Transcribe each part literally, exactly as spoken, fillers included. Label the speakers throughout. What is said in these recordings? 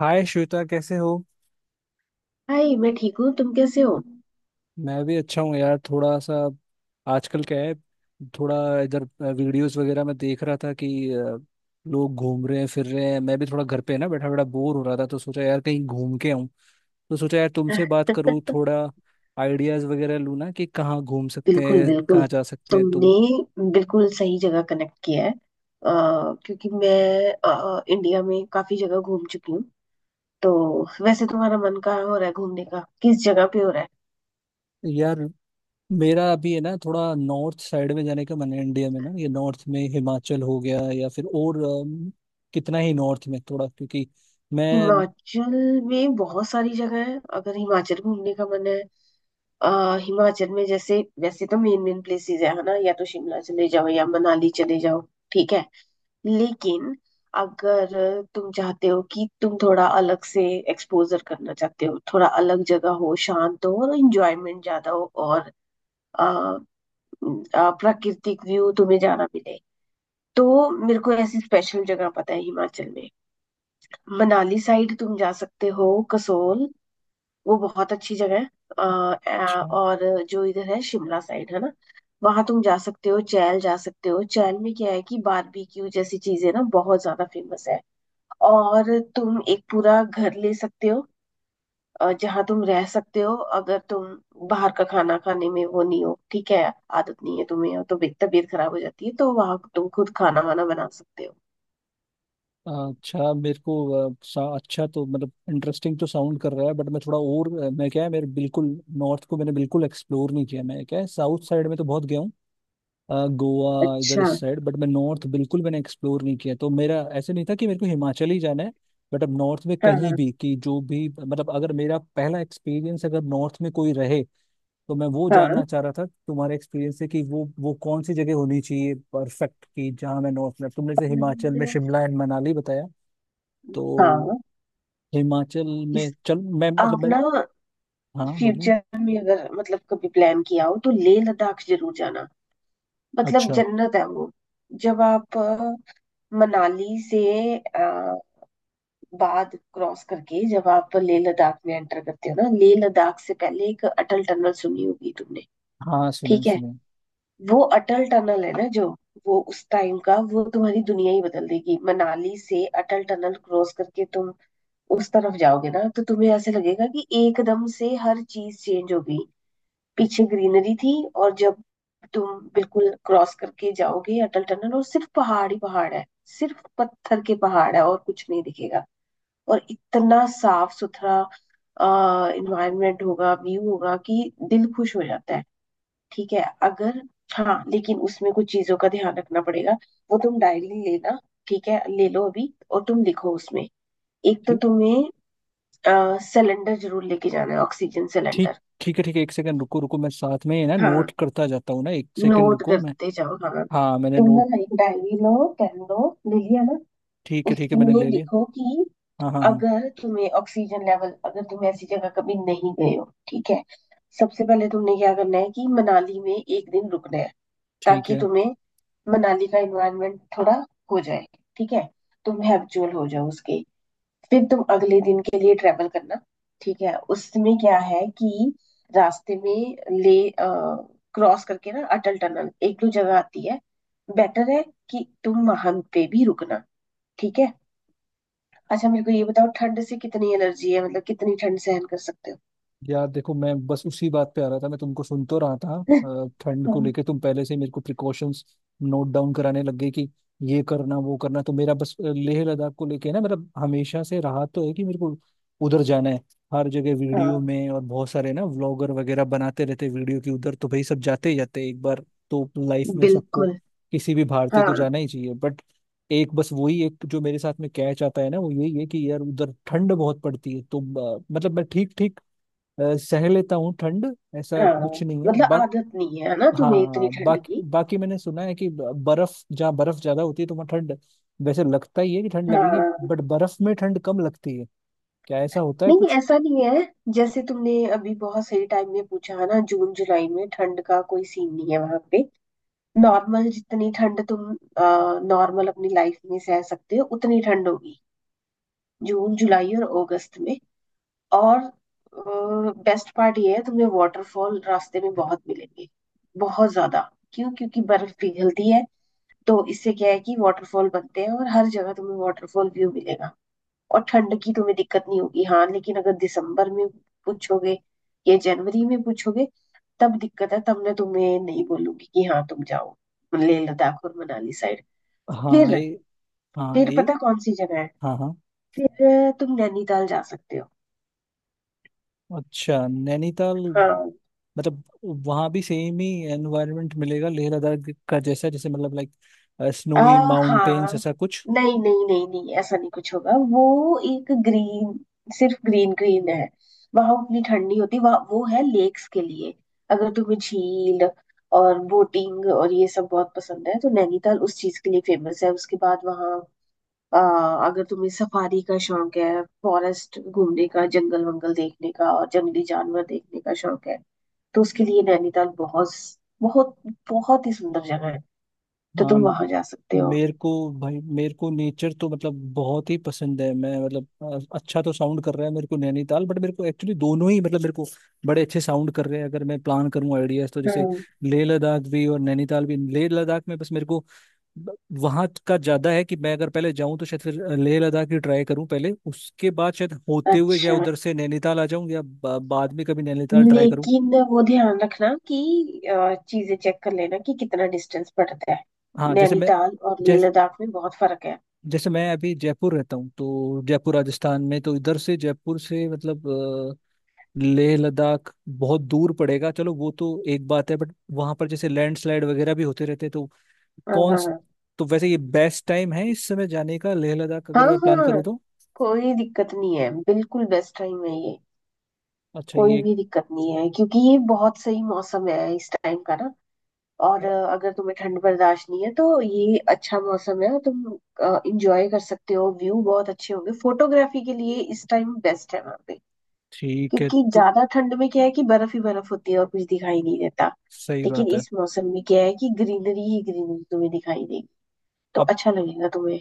Speaker 1: हाय श्वेता कैसे हो।
Speaker 2: हाय। मैं ठीक हूँ, तुम कैसे हो?
Speaker 1: मैं भी अच्छा हूँ यार। थोड़ा सा आजकल क्या है, थोड़ा इधर वीडियोस वगैरह में देख रहा था कि अ, लोग घूम रहे हैं फिर रहे हैं। मैं भी थोड़ा घर पे ना बैठा बैठा बोर हो रहा था, तो सोचा यार कहीं घूम के आऊँ। तो सोचा यार तुमसे बात करूँ, थोड़ा आइडियाज वगैरह लूँ ना कि कहाँ घूम सकते
Speaker 2: बिल्कुल
Speaker 1: हैं,
Speaker 2: बिल्कुल,
Speaker 1: कहाँ जा सकते हैं तुम।
Speaker 2: तुमने बिल्कुल सही जगह कनेक्ट किया है, अ, क्योंकि मैं अ, इंडिया में काफी जगह घूम चुकी हूँ। तो वैसे तुम्हारा मन कहाँ हो रहा है घूमने का, किस जगह पे हो रहा है?
Speaker 1: यार मेरा अभी है ना थोड़ा नॉर्थ साइड में जाने का मन है। इंडिया में ना ये नॉर्थ में हिमाचल हो गया या फिर और अम, कितना ही नॉर्थ में थोड़ा क्योंकि मैं।
Speaker 2: हिमाचल में बहुत सारी जगह है अगर हिमाचल घूमने का मन है। आ, हिमाचल में जैसे, वैसे तो मेन मेन प्लेसेस है है ना, या तो शिमला चले जाओ या मनाली चले जाओ। ठीक है, लेकिन अगर तुम चाहते हो कि तुम थोड़ा अलग से एक्सपोजर करना चाहते हो, थोड़ा अलग जगह हो, शांत हो और इंजॉयमेंट ज्यादा हो, और आ, आ, प्राकृतिक व्यू तुम्हें ज्यादा मिले, तो मेरे को ऐसी स्पेशल जगह पता है हिमाचल में। मनाली साइड तुम जा सकते हो, कसोल, वो बहुत अच्छी जगह है। अ, अ,
Speaker 1: अच्छा
Speaker 2: और जो इधर है शिमला साइड है ना, वहां तुम जा सकते हो, चैल जा सकते हो। चैल में क्या है कि बारबेक्यू जैसी चीजें ना बहुत ज्यादा फेमस है, और तुम एक पूरा घर ले सकते हो अ, जहाँ तुम रह सकते हो, अगर तुम बाहर का खाना खाने में वो नहीं हो, ठीक है, आदत नहीं है तुम्हें और तुम्हें तबीयत खराब हो जाती है, तो वहां तुम खुद खाना वाना बना सकते हो।
Speaker 1: अच्छा। मेरे को अ, सा, अच्छा तो मतलब इंटरेस्टिंग तो साउंड कर रहा है, बट मैं थोड़ा और अ, मैं क्या है मेरे बिल्कुल नॉर्थ को मैंने बिल्कुल एक्सप्लोर नहीं किया। मैं क्या है साउथ साइड में तो बहुत गया हूँ। अ, गोवा इधर
Speaker 2: अच्छा।
Speaker 1: इस साइड, बट मैं नॉर्थ बिल्कुल मैंने एक्सप्लोर नहीं किया। तो मेरा ऐसे नहीं था कि मेरे को हिमाचल ही जाना है, बट अब नॉर्थ में
Speaker 2: हाँ,
Speaker 1: कहीं
Speaker 2: हाँ,
Speaker 1: भी कि जो भी मतलब अगर मेरा पहला एक्सपीरियंस अगर नॉर्थ में कोई रहे, तो मैं वो
Speaker 2: हाँ
Speaker 1: जानना चाह रहा था तुम्हारे एक्सपीरियंस से कि वो वो कौन सी जगह होनी चाहिए परफेक्ट, कि जहाँ मैं नॉर्थ में तुमने से हिमाचल में
Speaker 2: और,
Speaker 1: शिमला एंड मनाली बताया। तो
Speaker 2: हाँ,
Speaker 1: हिमाचल में
Speaker 2: इस
Speaker 1: चल मैं मतलब
Speaker 2: आप
Speaker 1: मैं।
Speaker 2: ना
Speaker 1: हाँ बोलिए।
Speaker 2: फ्यूचर में अगर मतलब कभी प्लान किया हो तो लेह लद्दाख जरूर जाना, मतलब
Speaker 1: अच्छा।
Speaker 2: जन्नत है वो। जब आप अ, मनाली से अ, बाद क्रॉस करके जब आप लेह लद्दाख में एंटर करते हो ना, लेह लद्दाख से पहले एक अटल टनल सुनी होगी तुमने।
Speaker 1: हाँ सुना है,
Speaker 2: ठीक है।
Speaker 1: सुना है।
Speaker 2: वो अटल टनल है ना, जो वो उस टाइम का वो तुम्हारी दुनिया ही बदल देगी। मनाली से अटल टनल क्रॉस करके तुम उस तरफ जाओगे ना, तो तुम्हें ऐसे लगेगा कि एकदम से हर चीज चेंज हो गई। पीछे ग्रीनरी थी, और जब तुम बिल्कुल क्रॉस करके जाओगे अटल टनल, और सिर्फ पहाड़ ही पहाड़ है, सिर्फ पत्थर के पहाड़ है और कुछ नहीं दिखेगा। और इतना साफ सुथरा आ, इन्वायरमेंट होगा, व्यू होगा कि दिल खुश हो जाता है। ठीक है अगर। हाँ, लेकिन उसमें कुछ चीजों का ध्यान रखना पड़ेगा। वो तुम डायरी लेना, ठीक है, ले लो अभी और तुम लिखो उसमें। एक तो
Speaker 1: ठीक।
Speaker 2: तुम्हें सिलेंडर जरूर लेके जाना है, ऑक्सीजन
Speaker 1: ठीक।
Speaker 2: सिलेंडर।
Speaker 1: ठीक है ठीक है, एक सेकंड रुको रुको मैं साथ में ही ना
Speaker 2: हाँ,
Speaker 1: नोट करता जाता हूँ ना, एक सेकंड
Speaker 2: नोट
Speaker 1: रुको मैं।
Speaker 2: करते जाओ, हाँ।
Speaker 1: हाँ मैंने
Speaker 2: तुम
Speaker 1: नोट।
Speaker 2: ना एक डायरी लो, पेन लो, ले लिया ना?
Speaker 1: ठीक है ठीक है मैंने
Speaker 2: उसमें
Speaker 1: ले लिया।
Speaker 2: लिखो कि
Speaker 1: हाँ हाँ हाँ
Speaker 2: अगर तुम्हें ऑक्सीजन लेवल, अगर तुम ऐसी जगह कभी नहीं गए हो, ठीक है, सबसे पहले तुमने क्या करना है कि मनाली में एक दिन रुकना है,
Speaker 1: ठीक
Speaker 2: ताकि
Speaker 1: है।
Speaker 2: तुम्हें मनाली का एनवायरनमेंट थोड़ा हो जाए, ठीक है, तुम हैबिचुअल हो जाओ उसके। फिर तुम अगले दिन के लिए ट्रेवल करना। ठीक है, उसमें क्या है कि रास्ते में ले क्रॉस करके ना अटल टनल एक दो जगह आती है, बेटर है कि तुम वहां पे भी रुकना। ठीक है। अच्छा, मेरे को ये बताओ, ठंड से कितनी एलर्जी है, मतलब कितनी ठंड सहन कर सकते हो?
Speaker 1: यार देखो मैं बस उसी बात पे आ रहा था, मैं तुमको सुन तो रहा था। अ, ठंड
Speaker 2: हाँ।
Speaker 1: को लेके तुम पहले से ही मेरे को प्रिकॉशंस नोट डाउन कराने लग गए कि ये करना वो करना। तो मेरा बस अ, लेह लद्दाख को लेके ना मेरा हमेशा से रहा तो है कि मेरे को उधर जाना है। हर जगह
Speaker 2: हाँ,
Speaker 1: वीडियो में और बहुत सारे ना व्लॉगर वगैरह बनाते रहते हैं वीडियो की उधर, तो भाई सब जाते ही जाते हैं। एक बार तो लाइफ में सबको
Speaker 2: बिल्कुल।
Speaker 1: किसी भी भारतीय को
Speaker 2: हाँ,
Speaker 1: जाना ही चाहिए, बट एक बस वही एक जो मेरे साथ में कैच आता है ना वो यही है कि यार उधर ठंड बहुत पड़ती है। तो अ, मतलब मैं ठीक ठीक अ, सह लेता हूँ ठंड, ऐसा
Speaker 2: हाँ,
Speaker 1: कुछ नहीं है
Speaker 2: मतलब
Speaker 1: बा,
Speaker 2: आदत नहीं है ना तुम्हें इतनी
Speaker 1: हाँ।
Speaker 2: ठंड
Speaker 1: बाकी
Speaker 2: की।
Speaker 1: बाकी मैंने सुना है कि ब- बर्फ जहाँ बर्फ ज्यादा होती है तो वहाँ ठंड वैसे लगता ही है कि ठंड लगेगी,
Speaker 2: हाँ,
Speaker 1: बट बर्फ में ठंड कम लगती है। क्या ऐसा होता है
Speaker 2: नहीं,
Speaker 1: कुछ?
Speaker 2: ऐसा नहीं है। जैसे तुमने अभी बहुत सही टाइम में पूछा है ना, जून जुलाई में ठंड का कोई सीन नहीं है वहां पे। नॉर्मल जितनी ठंड तुम नॉर्मल अपनी लाइफ में सह सकते हो उतनी ठंड होगी जून जुलाई और अगस्त में। और बेस्ट पार्ट ये है, तुम्हें वाटरफॉल रास्ते में बहुत मिलेंगे, बहुत ज्यादा। क्यों? क्योंकि बर्फ पिघलती है, तो इससे क्या है कि वाटरफॉल बनते हैं, और हर जगह तुम्हें वाटरफॉल व्यू मिलेगा, और ठंड की तुम्हें दिक्कत नहीं होगी। हाँ, लेकिन अगर दिसंबर में पूछोगे या जनवरी में पूछोगे तब दिक्कत है, तब मैं तुम्हें नहीं बोलूंगी कि हाँ तुम जाओ लेह लद्दाख और मनाली साइड।
Speaker 1: हाँ
Speaker 2: फिर।
Speaker 1: ये। हाँ
Speaker 2: फिर
Speaker 1: ये।
Speaker 2: पता कौन सी जगह है?
Speaker 1: हाँ हाँ।
Speaker 2: फिर अ, तुम नैनीताल जा सकते हो।
Speaker 1: अच्छा नैनीताल।
Speaker 2: हाँ।
Speaker 1: मतलब वहाँ भी सेम ही एनवायरनमेंट मिलेगा लेह लद्दाख का जैसा, जैसे मतलब लाइक
Speaker 2: आ,
Speaker 1: स्नोई
Speaker 2: हाँ,
Speaker 1: माउंटेन्स ऐसा कुछ।
Speaker 2: नहीं नहीं नहीं नहीं, ऐसा नहीं कुछ होगा वो। एक ग्रीन, सिर्फ ग्रीन ग्रीन है वहां, उतनी ठंड नहीं होती वहाँ। वो है लेक्स के लिए, अगर तुम्हें झील और बोटिंग और ये सब बहुत पसंद है तो नैनीताल उस चीज के लिए फेमस है। उसके बाद वहाँ आ, अगर तुम्हें सफारी का शौक है, फॉरेस्ट घूमने का, जंगल वंगल देखने का और जंगली जानवर देखने का शौक है, तो उसके लिए नैनीताल बहुत, बहुत, बहुत ही सुंदर जगह है, तो
Speaker 1: हाँ।
Speaker 2: तुम वहां जा सकते
Speaker 1: मेरे को। भाई मेरे को नेचर तो मतलब बहुत ही पसंद है। मैं मतलब अ, अच्छा तो साउंड कर रहा है मेरे को नैनीताल, बट मेरे को एक्चुअली दोनों ही मतलब मेरे को बड़े अच्छे साउंड कर रहे हैं। अगर मैं प्लान करूँ आइडियाज, तो
Speaker 2: हो।
Speaker 1: जैसे लेह लद्दाख भी और नैनीताल भी। लेह लद्दाख में बस मेरे को वहां का ज्यादा है कि मैं अगर पहले जाऊं तो शायद फिर लेह लद्दाख ही ट्राई करूं पहले, उसके बाद शायद होते हुए चाहे
Speaker 2: अच्छा,
Speaker 1: उधर से नैनीताल आ जाऊं या बा- बाद में कभी नैनीताल ट्राई करूं।
Speaker 2: लेकिन वो ध्यान रखना कि अ, चीजें चेक कर लेना कि कितना डिस्टेंस पड़ता है,
Speaker 1: हाँ जैसे मैं।
Speaker 2: नैनीताल और लेह
Speaker 1: जैस
Speaker 2: लद्दाख में बहुत फर्क है।
Speaker 1: जैसे मैं अभी जयपुर रहता हूँ तो जयपुर राजस्थान में, तो इधर से जयपुर से मतलब अ, लेह लद्दाख बहुत दूर पड़ेगा। चलो वो तो एक बात है, बट वहां पर जैसे लैंडस्लाइड वगैरह भी होते रहते हैं तो
Speaker 2: हाँ,
Speaker 1: कौन स-
Speaker 2: हाँ,
Speaker 1: तो वैसे ये बेस्ट टाइम है इस समय जाने का लेह लद्दाख
Speaker 2: हाँ,
Speaker 1: अगर मैं
Speaker 2: हाँ,
Speaker 1: प्लान करूँ
Speaker 2: हाँ,
Speaker 1: तो?
Speaker 2: कोई दिक्कत नहीं है, बिल्कुल बेस्ट टाइम है ये।
Speaker 1: अच्छा
Speaker 2: कोई
Speaker 1: ये
Speaker 2: भी दिक्कत नहीं है, क्योंकि ये बहुत सही मौसम है इस टाइम का ना। और
Speaker 1: अ,
Speaker 2: अ, अगर तुम्हें ठंड बर्दाश्त नहीं है तो ये अच्छा मौसम है, तुम इंजॉय कर सकते हो, व्यू बहुत अच्छे होंगे, फोटोग्राफी के लिए इस टाइम बेस्ट है वहाँ पे।
Speaker 1: ठीक है
Speaker 2: क्योंकि
Speaker 1: तो।
Speaker 2: ज्यादा ठंड में क्या है कि बर्फ ही बर्फ होती है और कुछ दिखाई नहीं देता,
Speaker 1: सही
Speaker 2: लेकिन
Speaker 1: बात है।
Speaker 2: इस मौसम में क्या है कि ग्रीनरी ही ग्रीनरी तुम्हें दिखाई देगी, तो
Speaker 1: अब
Speaker 2: अच्छा लगेगा तुम्हें।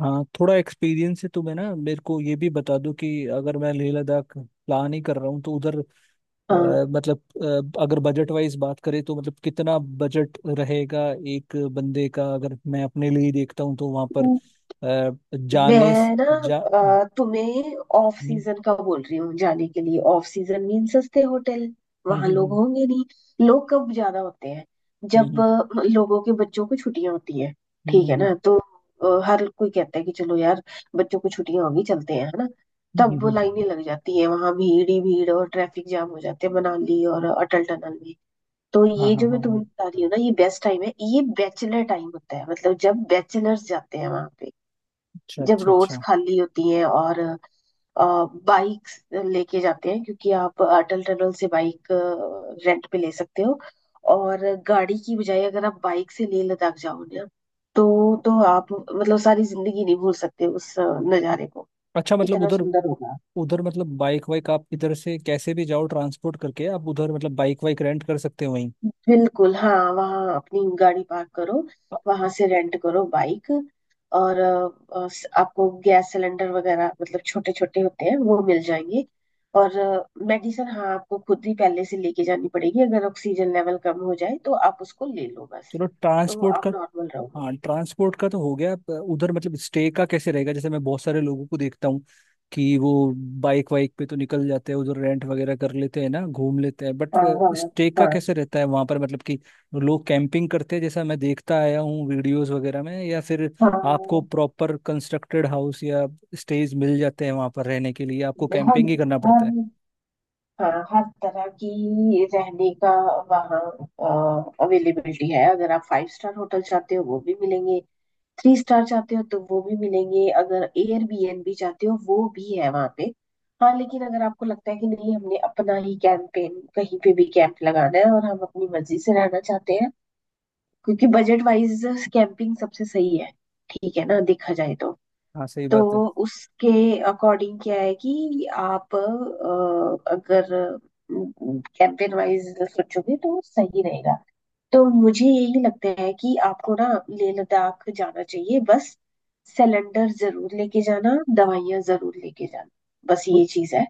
Speaker 1: हाँ थोड़ा एक्सपीरियंस है तो मैं ना, मेरे को ये भी बता दो कि अगर मैं लेह लद्दाख प्लान ही कर रहा हूँ तो उधर
Speaker 2: हाँ,
Speaker 1: अ, मतलब अ, अगर बजट वाइज बात करें तो मतलब कितना बजट रहेगा एक बंदे का, अगर मैं अपने लिए ही देखता हूँ तो वहां पर अ, जाने स-
Speaker 2: मैं ना
Speaker 1: जा हम्म,
Speaker 2: अ, तुम्हें ऑफ सीजन का बोल रही हूँ जाने के लिए। ऑफ सीजन मीन सस्ते होटल,
Speaker 1: हम्म,
Speaker 2: वहां लोग
Speaker 1: हम्म,
Speaker 2: होंगे नहीं। लोग कब ज्यादा होते हैं?
Speaker 1: हम्म,
Speaker 2: जब
Speaker 1: हम्म,
Speaker 2: अ, लोगों के बच्चों को छुट्टियां होती है।
Speaker 1: हम्म, हम्म,
Speaker 2: ठीक
Speaker 1: हम्म,
Speaker 2: है
Speaker 1: हम्म, हम्म,
Speaker 2: ना? तो अ, हर कोई कहता है कि चलो यार, बच्चों को छुट्टियां होगी, चलते हैं, है ना।
Speaker 1: हम्म,
Speaker 2: तब
Speaker 1: हम्म,
Speaker 2: वो
Speaker 1: हम्म।
Speaker 2: लाइनें लग जाती है, वहां भीड़ ही भीड़ और ट्रैफिक जाम हो जाते हैं मनाली और अटल टनल में। तो
Speaker 1: हाँ
Speaker 2: ये
Speaker 1: हाँ
Speaker 2: जो
Speaker 1: हाँ
Speaker 2: मैं
Speaker 1: हाँ।
Speaker 2: तुम्हें बता रही हूँ ना, ये बेस्ट टाइम है, ये बैचलर टाइम होता है, मतलब जब बैचलर्स जाते हैं वहां पे,
Speaker 1: अच्छा
Speaker 2: जब
Speaker 1: अच्छा
Speaker 2: रोड्स
Speaker 1: अच्छा।
Speaker 2: खाली होती है और बाइक्स लेके जाते हैं। क्योंकि आप अटल टनल से बाइक रेंट पे ले सकते हो, और गाड़ी की बजाय अगर आप बाइक से लेह लद्दाख जाओ ना, तो तो आप मतलब सारी जिंदगी नहीं भूल सकते उस अ, नज़ारे को,
Speaker 1: अच्छा मतलब
Speaker 2: इतना
Speaker 1: उधर।
Speaker 2: सुंदर होगा।
Speaker 1: उधर मतलब बाइक वाइक आप इधर से कैसे भी जाओ ट्रांसपोर्ट करके, आप उधर मतलब बाइक वाइक रेंट कर सकते हो वहीं?
Speaker 2: बिल्कुल, हाँ, वहाँ अपनी गाड़ी पार्क करो,
Speaker 1: अ,
Speaker 2: वहां से रेंट करो बाइक। और अ, अ, स- आपको गैस सिलेंडर वगैरह, मतलब छोटे छोटे होते हैं वो, मिल जाएंगे। और मेडिसिन, हाँ, आपको खुद ही पहले से लेके जानी पड़ेगी, अगर ऑक्सीजन लेवल कम हो जाए तो आप उसको ले लो बस,
Speaker 1: चलो
Speaker 2: तो
Speaker 1: ट्रांसपोर्ट
Speaker 2: आप
Speaker 1: का।
Speaker 2: नॉर्मल रहोगे।
Speaker 1: हाँ ट्रांसपोर्ट का तो हो गया, प- उधर मतलब स्टे का कैसे रहेगा? जैसे मैं बहुत सारे लोगों को देखता हूँ कि वो बाइक वाइक पे तो निकल जाते हैं उधर, रेंट वगैरह कर लेते हैं ना, घूम लेते हैं, बट
Speaker 2: हाँ, हाँ,
Speaker 1: स्टे का
Speaker 2: हाँ,
Speaker 1: कैसे रहता है वहां पर? मतलब कि लोग कैंपिंग करते हैं जैसा मैं देखता आया हूँ वीडियोस वगैरह में, या फिर आपको
Speaker 2: हाँ,
Speaker 1: प्रॉपर कंस्ट्रक्टेड हाउस या स्टेज मिल जाते हैं वहां पर रहने के लिए, आपको
Speaker 2: हर
Speaker 1: कैंपिंग
Speaker 2: हर
Speaker 1: ही करना पड़ता है?
Speaker 2: हाँ, हर तरह की रहने का वहाँ अवेलेबिलिटी है। अगर आप फाइव स्टार होटल चाहते हो वो भी मिलेंगे, थ्री स्टार चाहते हो तो वो भी मिलेंगे, अगर एयरबीएनबी चाहते हो वो भी है वहां पे। हाँ, लेकिन अगर आपको लगता है कि नहीं, हमने अपना ही कैंपेन कहीं पे भी कैंप लगाना है और हम अपनी मर्जी से रहना चाहते हैं, क्योंकि बजट वाइज कैंपिंग सबसे सही है, ठीक है ना, देखा जाए तो।
Speaker 1: हाँ सही
Speaker 2: तो
Speaker 1: बात है।
Speaker 2: उसके अकॉर्डिंग क्या है कि आप अ, अगर कैंपेन वाइज सोचोगे तो सही रहेगा। तो मुझे यही लगता है कि आपको ना लेह लद्दाख जाना चाहिए, बस। सिलेंडर जरूर लेके जाना, दवाइयां जरूर लेके जाना, बस
Speaker 1: तो
Speaker 2: ये चीज है।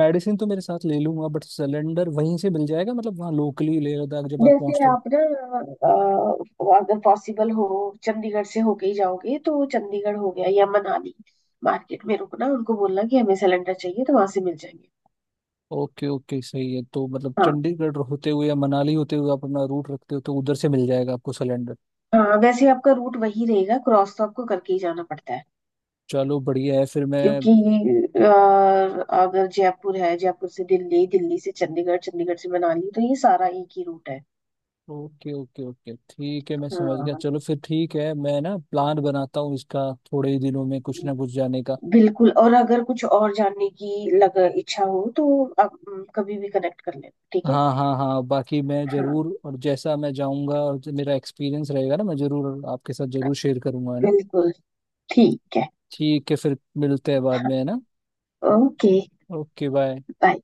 Speaker 1: मेडिसिन तो मेरे साथ ले लूंगा, बट सिलेंडर वहीं से मिल जाएगा मतलब वहाँ लोकली लेह लद्दाख जब आप
Speaker 2: जैसे
Speaker 1: पहुंचते हो?
Speaker 2: आप ना अ, अगर पॉसिबल हो, चंडीगढ़ से होके ही जाओगे, तो चंडीगढ़ हो गया या मनाली मार्केट में रुकना, उनको बोलना कि हमें सिलेंडर चाहिए, तो वहां से मिल जाएंगे।
Speaker 1: ओके ओके सही है। तो मतलब
Speaker 2: हाँ,
Speaker 1: चंडीगढ़ होते हुए या मनाली होते हुए आप अपना रूट रखते हो, तो उधर से मिल जाएगा आपको सिलेंडर।
Speaker 2: हाँ, वैसे आपका रूट वही रहेगा, क्रॉस तो आपको करके ही जाना पड़ता है,
Speaker 1: चलो बढ़िया है, फिर मैं।
Speaker 2: क्योंकि अ, अगर जयपुर है, जयपुर से दिल्ली, दिल्ली से चंडीगढ़, चंडीगढ़ से मनाली, तो ये सारा एक ही रूट है।
Speaker 1: ओके ओके ओके ठीक है, मैं समझ गया।
Speaker 2: हाँ,
Speaker 1: चलो फिर ठीक है, मैं ना प्लान बनाता हूँ इसका थोड़े ही दिनों में कुछ ना कुछ जाने का।
Speaker 2: बिल्कुल, और अगर कुछ और जानने की लग इच्छा हो तो आप अम, कभी भी कनेक्ट कर लेना, ठीक है।
Speaker 1: हाँ हाँ हाँ, बाकी मैं
Speaker 2: हाँ,
Speaker 1: जरूर, और जैसा मैं जाऊँगा और जो मेरा एक्सपीरियंस रहेगा ना, मैं जरूर आपके साथ जरूर शेयर करूंगा, है ना।
Speaker 2: बिल्कुल। ठीक है।
Speaker 1: ठीक है फिर मिलते हैं बाद में, है ना।
Speaker 2: ओके।
Speaker 1: Okay bye.
Speaker 2: बाय।